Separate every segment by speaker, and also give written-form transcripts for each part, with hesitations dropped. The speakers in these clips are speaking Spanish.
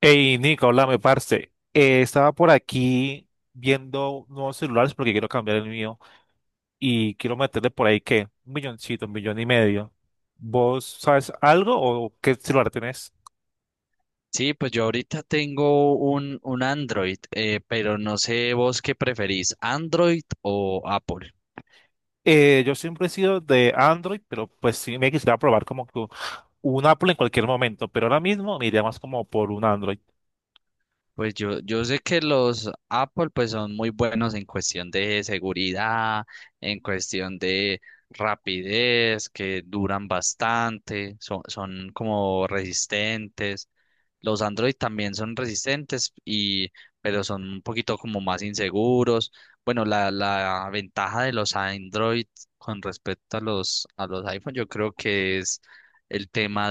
Speaker 1: Hey, Nico, háblame, parce. Estaba por aquí viendo nuevos celulares porque quiero cambiar el mío y quiero meterle por ahí que un milloncito, un millón y medio. ¿Vos sabes algo o qué celular tenés?
Speaker 2: Sí, pues yo ahorita tengo un Android, pero no sé vos qué preferís, Android o Apple.
Speaker 1: Yo siempre he sido de Android, pero pues sí me quisiera probar como que un Apple en cualquier momento, pero ahora mismo me iría más como por un Android.
Speaker 2: Pues yo sé que los Apple pues son muy buenos en cuestión de seguridad, en cuestión de rapidez, que duran bastante, son como resistentes. Los Android también son resistentes pero son un poquito como más inseguros. Bueno, la ventaja de los Android con respecto a los iPhone, yo creo que es el tema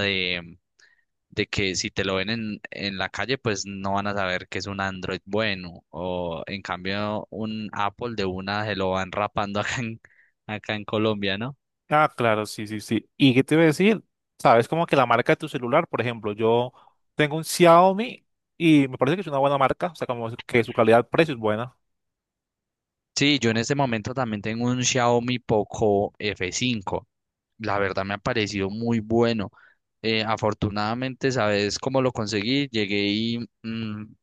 Speaker 2: de que si te lo ven en la calle, pues no van a saber que es un Android bueno. O en cambio, un Apple de una se lo van rapando acá en Colombia, ¿no?
Speaker 1: Ah, claro, sí, sí, sí. ¿Y qué te iba a decir? Sabes como que la marca de tu celular, por ejemplo, yo tengo un Xiaomi y me parece que es una buena marca, o sea, como que su calidad-precio es buena.
Speaker 2: Sí, yo en este momento también tengo un Xiaomi Poco F5. La verdad me ha parecido muy bueno. Afortunadamente, ¿sabes cómo lo conseguí? Llegué y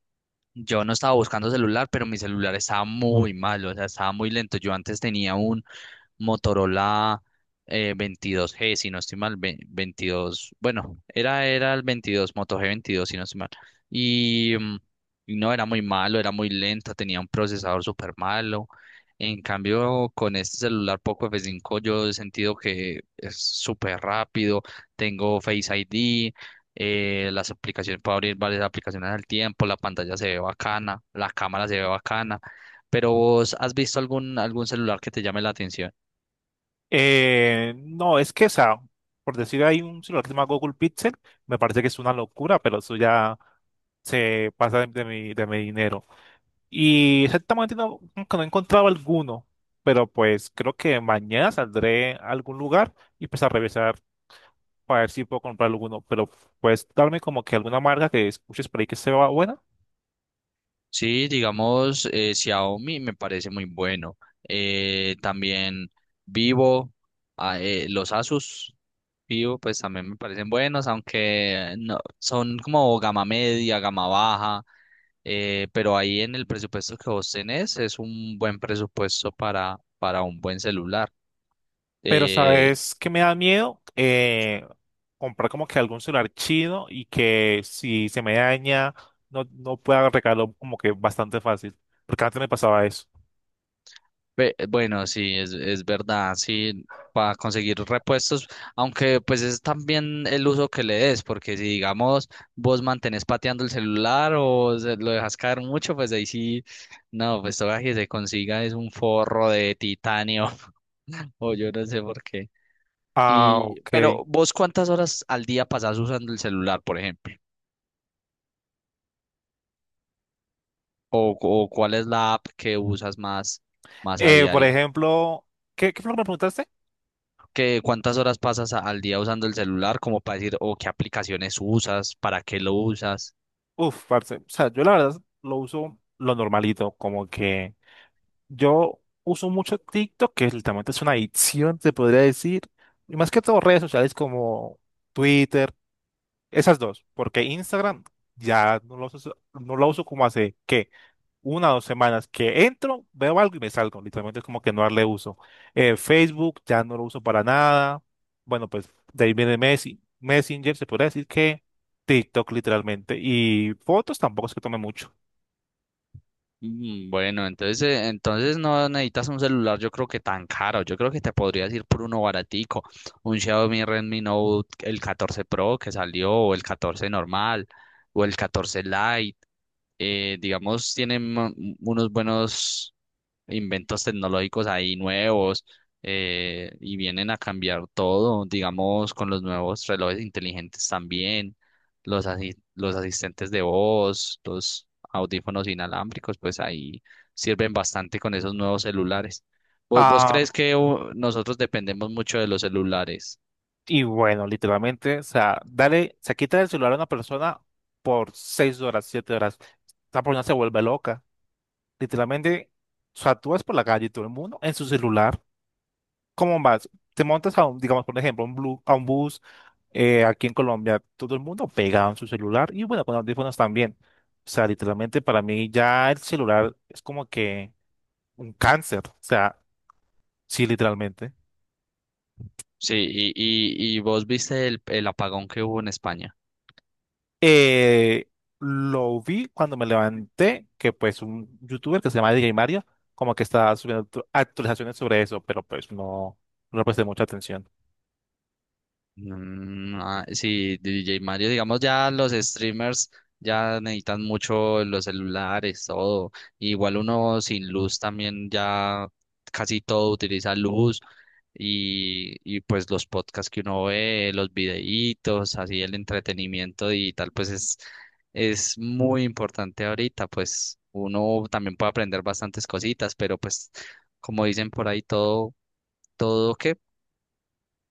Speaker 2: yo no estaba buscando celular, pero mi celular estaba muy malo, o sea, estaba muy lento. Yo antes tenía un Motorola 22G, si no estoy mal, 22, bueno, era el 22 Moto g veintidós, si no estoy mal. Y, mm, y no, era muy malo, era muy lento, tenía un procesador súper malo. En cambio, con este celular Poco f cinco, yo he sentido que es súper rápido, tengo Face ID. Las aplicaciones, puedo abrir varias aplicaciones al tiempo, la pantalla se ve bacana, la cámara se ve bacana, pero ¿vos has visto algún celular que te llame la atención?
Speaker 1: No, es que, o sea, por decir, hay un celular que se llama Google Pixel, me parece que es una locura, pero eso ya se pasa de mi dinero. Y exactamente no, como que no he encontrado alguno, pero pues creo que mañana saldré a algún lugar y pues a revisar para ver si puedo comprar alguno, pero puedes darme como que alguna marca que escuches por ahí que sea buena.
Speaker 2: Sí, digamos, Xiaomi me parece muy bueno. También Vivo, los Asus Vivo, pues también me parecen buenos, aunque no, son como gama media, gama baja, pero ahí en el presupuesto que vos tenés es un buen presupuesto para un buen celular.
Speaker 1: Pero
Speaker 2: Eh,
Speaker 1: sabes que me da miedo. Comprar como que algún celular chino y que si se me daña no pueda arreglarlo como que bastante fácil, porque antes me pasaba eso.
Speaker 2: Bueno, sí, es verdad, sí, para conseguir repuestos, aunque pues es también el uso que le des, porque si digamos vos mantenés pateando el celular o lo dejas caer mucho, pues ahí sí, no, pues todo que se consiga es un forro de titanio o yo no sé por qué.
Speaker 1: Ah,
Speaker 2: Y
Speaker 1: ok.
Speaker 2: pero vos, ¿cuántas horas al día pasás usando el celular? Por ejemplo, o ¿cuál es la app que usas más, más a
Speaker 1: Por
Speaker 2: diario?
Speaker 1: ejemplo, ¿qué fue lo que me preguntaste?
Speaker 2: Que ¿cuántas horas pasas al día usando el celular? Como para decir, o ¿qué aplicaciones usas, para qué lo usas?
Speaker 1: Uf, parce. O sea, yo la verdad lo uso lo normalito, como que yo uso mucho TikTok, que literalmente es una adicción, se podría decir, y más que todo redes sociales como Twitter, esas dos, porque Instagram ya no lo uso como hace, ¿qué? Una o dos semanas que entro, veo algo y me salgo. Literalmente es como que no darle uso. Facebook ya no lo uso para nada. Bueno, pues de ahí viene Messi. Messenger se podría decir que TikTok literalmente. Y fotos tampoco es que tome mucho.
Speaker 2: Bueno, entonces, entonces no necesitas un celular, yo creo que tan caro. Yo creo que te podrías ir por uno baratico, un Xiaomi Redmi Note, el catorce Pro que salió, o el 14 normal, o el 14 Lite. Digamos, tienen unos buenos inventos tecnológicos ahí nuevos, y vienen a cambiar todo, digamos, con los nuevos relojes inteligentes también, los asistentes de voz, los audífonos inalámbricos, pues ahí sirven bastante con esos nuevos celulares. ¿Vos
Speaker 1: Ah,
Speaker 2: crees que nosotros dependemos mucho de los celulares?
Speaker 1: y bueno, literalmente, o sea, dale, se quita el celular a una persona por 6 horas, 7 horas. Esa persona se vuelve loca. Literalmente, o sea, tú vas por la calle y todo el mundo en su celular. ¿Cómo vas? Te montas a un, digamos, por ejemplo, a un bus aquí en Colombia, todo el mundo pegado en su celular y bueno, con audífonos también. O sea, literalmente para mí ya el celular es como que un cáncer. O sea, sí, literalmente.
Speaker 2: Sí, y vos viste el apagón que hubo en España.
Speaker 1: Eh, lo vi cuando me levanté, que pues un youtuber que se llama DJ Mario, como que estaba subiendo actualizaciones sobre eso, pero pues no, no le presté mucha atención.
Speaker 2: Sí, DJ Mario, digamos ya los streamers ya necesitan mucho los celulares, todo. Igual uno sin luz también ya casi todo utiliza luz y pues los podcasts que uno ve, los videitos, así el entretenimiento digital, pues es muy importante ahorita, pues uno también puede aprender bastantes cositas, pero pues como dicen por ahí, todo que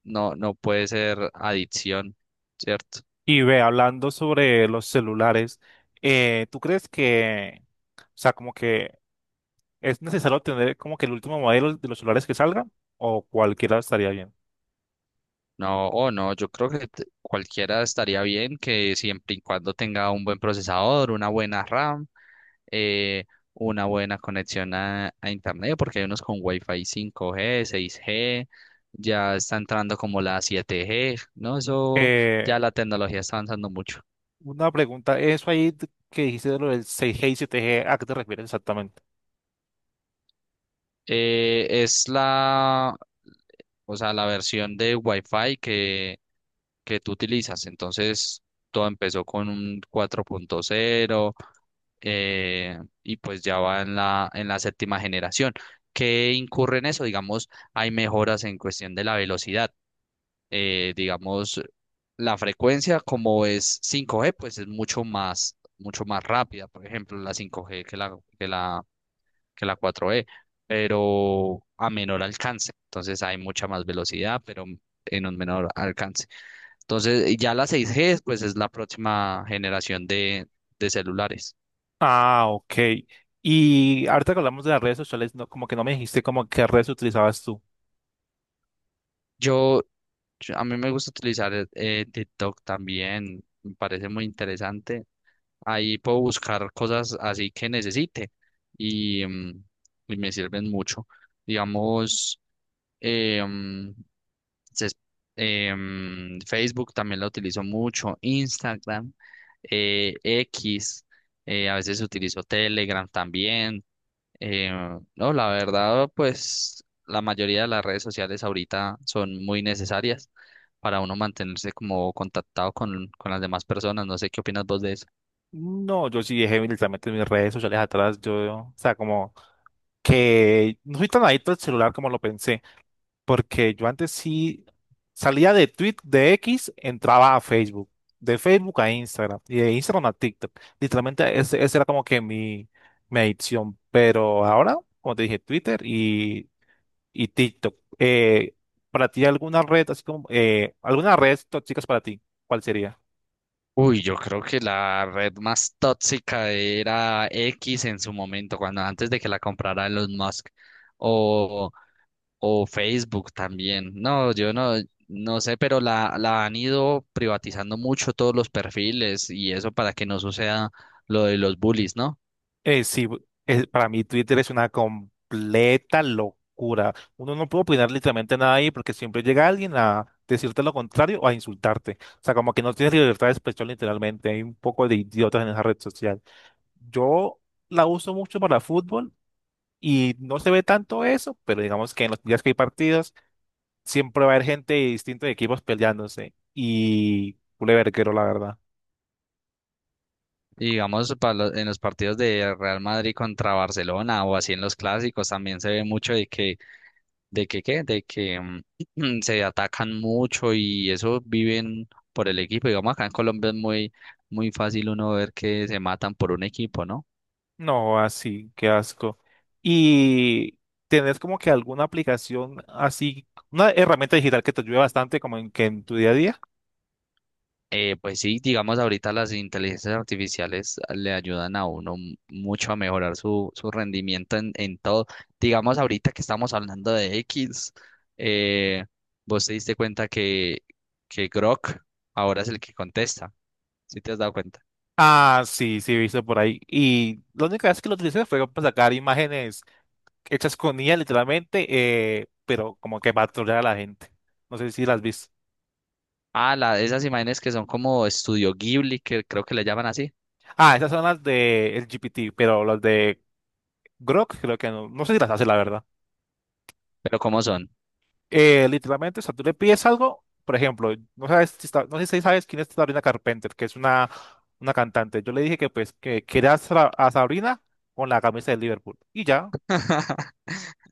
Speaker 2: no puede ser adicción, ¿cierto?
Speaker 1: Y ve, hablando sobre los celulares, ¿tú crees que, o sea, como que es necesario tener como que el último modelo de los celulares que salgan o cualquiera estaría bien?
Speaker 2: No, o no, yo creo que cualquiera estaría bien, que siempre y cuando tenga un buen procesador, una buena RAM, eh, una buena conexión a internet, porque hay unos con Wi-Fi 5G, 6G, ya está entrando como la 7G, ¿no? Eso,
Speaker 1: Eh,
Speaker 2: ya la tecnología está avanzando mucho.
Speaker 1: una pregunta, eso ahí que dijiste de lo del 6G y 7G, ¿a qué te refieres exactamente?
Speaker 2: Es o sea, la versión de Wi-Fi que tú utilizas. Entonces, todo empezó con un 4.0, eh, y pues ya va en en la séptima generación. ¿Qué incurre en eso? Digamos, hay mejoras en cuestión de la velocidad. Digamos, la frecuencia como es cinco g, pues es mucho más rápida, por ejemplo, la cinco g que que la cuatro g, pero a menor alcance. Entonces hay mucha más velocidad, pero en un menor alcance. Entonces, y ya la 6G, pues es la próxima generación de celulares.
Speaker 1: Ah, ok. Y ahorita que hablamos de las redes sociales, no, como que no me dijiste como qué redes utilizabas tú.
Speaker 2: Yo, a mí me gusta utilizar TikTok también, me parece muy interesante. Ahí puedo buscar cosas así que necesite y, mm, y me sirven mucho. Digamos, eh, mm, ses- Facebook también la utilizo mucho, Instagram, X, a veces utilizo Telegram también. Eh, no, la verdad, pues la mayoría de las redes sociales ahorita son muy necesarias para uno mantenerse como contactado con las demás personas. No sé qué opinas vos de eso.
Speaker 1: No, yo sí dejé literalmente mis redes sociales atrás, yo, o sea, como que no soy tan adicto al celular como lo pensé. Porque yo antes sí salía de Twitter, de X, entraba a Facebook, de Facebook a Instagram y de Instagram a TikTok. Literalmente ese era como que mi adicción. Pero ahora, como te dije, Twitter y TikTok. ¿Para ti alguna red, así como, alguna red tóxicas para ti? ¿Cuál sería?
Speaker 2: Uy, yo creo que la red más tóxica era X en su momento, cuando antes de que la comprara Elon Musk o, o Facebook también. No, yo no, no sé, pero la han ido privatizando mucho todos los perfiles y eso para que no suceda lo de los bullies, ¿no?
Speaker 1: Sí, para mí Twitter es una completa locura. Uno no puede opinar literalmente nada ahí porque siempre llega alguien a decirte lo contrario o a insultarte. O sea, como que no tienes libertad de expresión literalmente. Hay un poco de idiotas en esa red social. Yo la uso mucho para fútbol y no se ve tanto eso, pero digamos que en los días que hay partidos siempre va a haber gente de distintos equipos peleándose y culeverguero, la verdad.
Speaker 2: Y digamos, para en los partidos de Real Madrid contra Barcelona o así en los clásicos también se ve mucho de que, ¿qué? De que se atacan mucho y eso viven por el equipo. Digamos, acá en Colombia es muy fácil uno ver que se matan por un equipo, ¿no?
Speaker 1: No, así, qué asco. Y tenés como que alguna aplicación así, una herramienta digital que te ayude bastante como en, que en tu día a día.
Speaker 2: Pues sí, digamos ahorita las inteligencias artificiales le ayudan a uno mucho a mejorar su rendimiento en todo. Digamos ahorita que estamos hablando de X, eh, vos te diste cuenta que Grok ahora es el que contesta, ¿sí te has dado cuenta?
Speaker 1: Ah, sí, sí, he visto por ahí. Y la única vez que lo utilicé fue para sacar imágenes hechas con IA literalmente, pero como que para trolear a la gente. No sé si las viste.
Speaker 2: Ah, la, esas imágenes que son como estudio Ghibli, que creo que le llaman así,
Speaker 1: Ah, esas son las de el GPT, pero las de Grok creo que no. No sé si las hace, la verdad.
Speaker 2: pero ¿cómo son?
Speaker 1: Literalmente, o sea, tú le pides algo, por ejemplo, no sé si sabes quién es Sabrina Carpenter, que es una cantante. Yo le dije que pues que quería a Sabrina con la camisa de Liverpool. Y ya,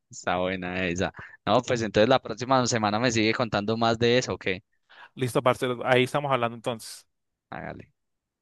Speaker 2: Está buena esa. No, pues entonces la próxima semana me sigue contando más de eso, ¿o qué?
Speaker 1: listo, Marcelo, ahí estamos hablando entonces.
Speaker 2: Hágale.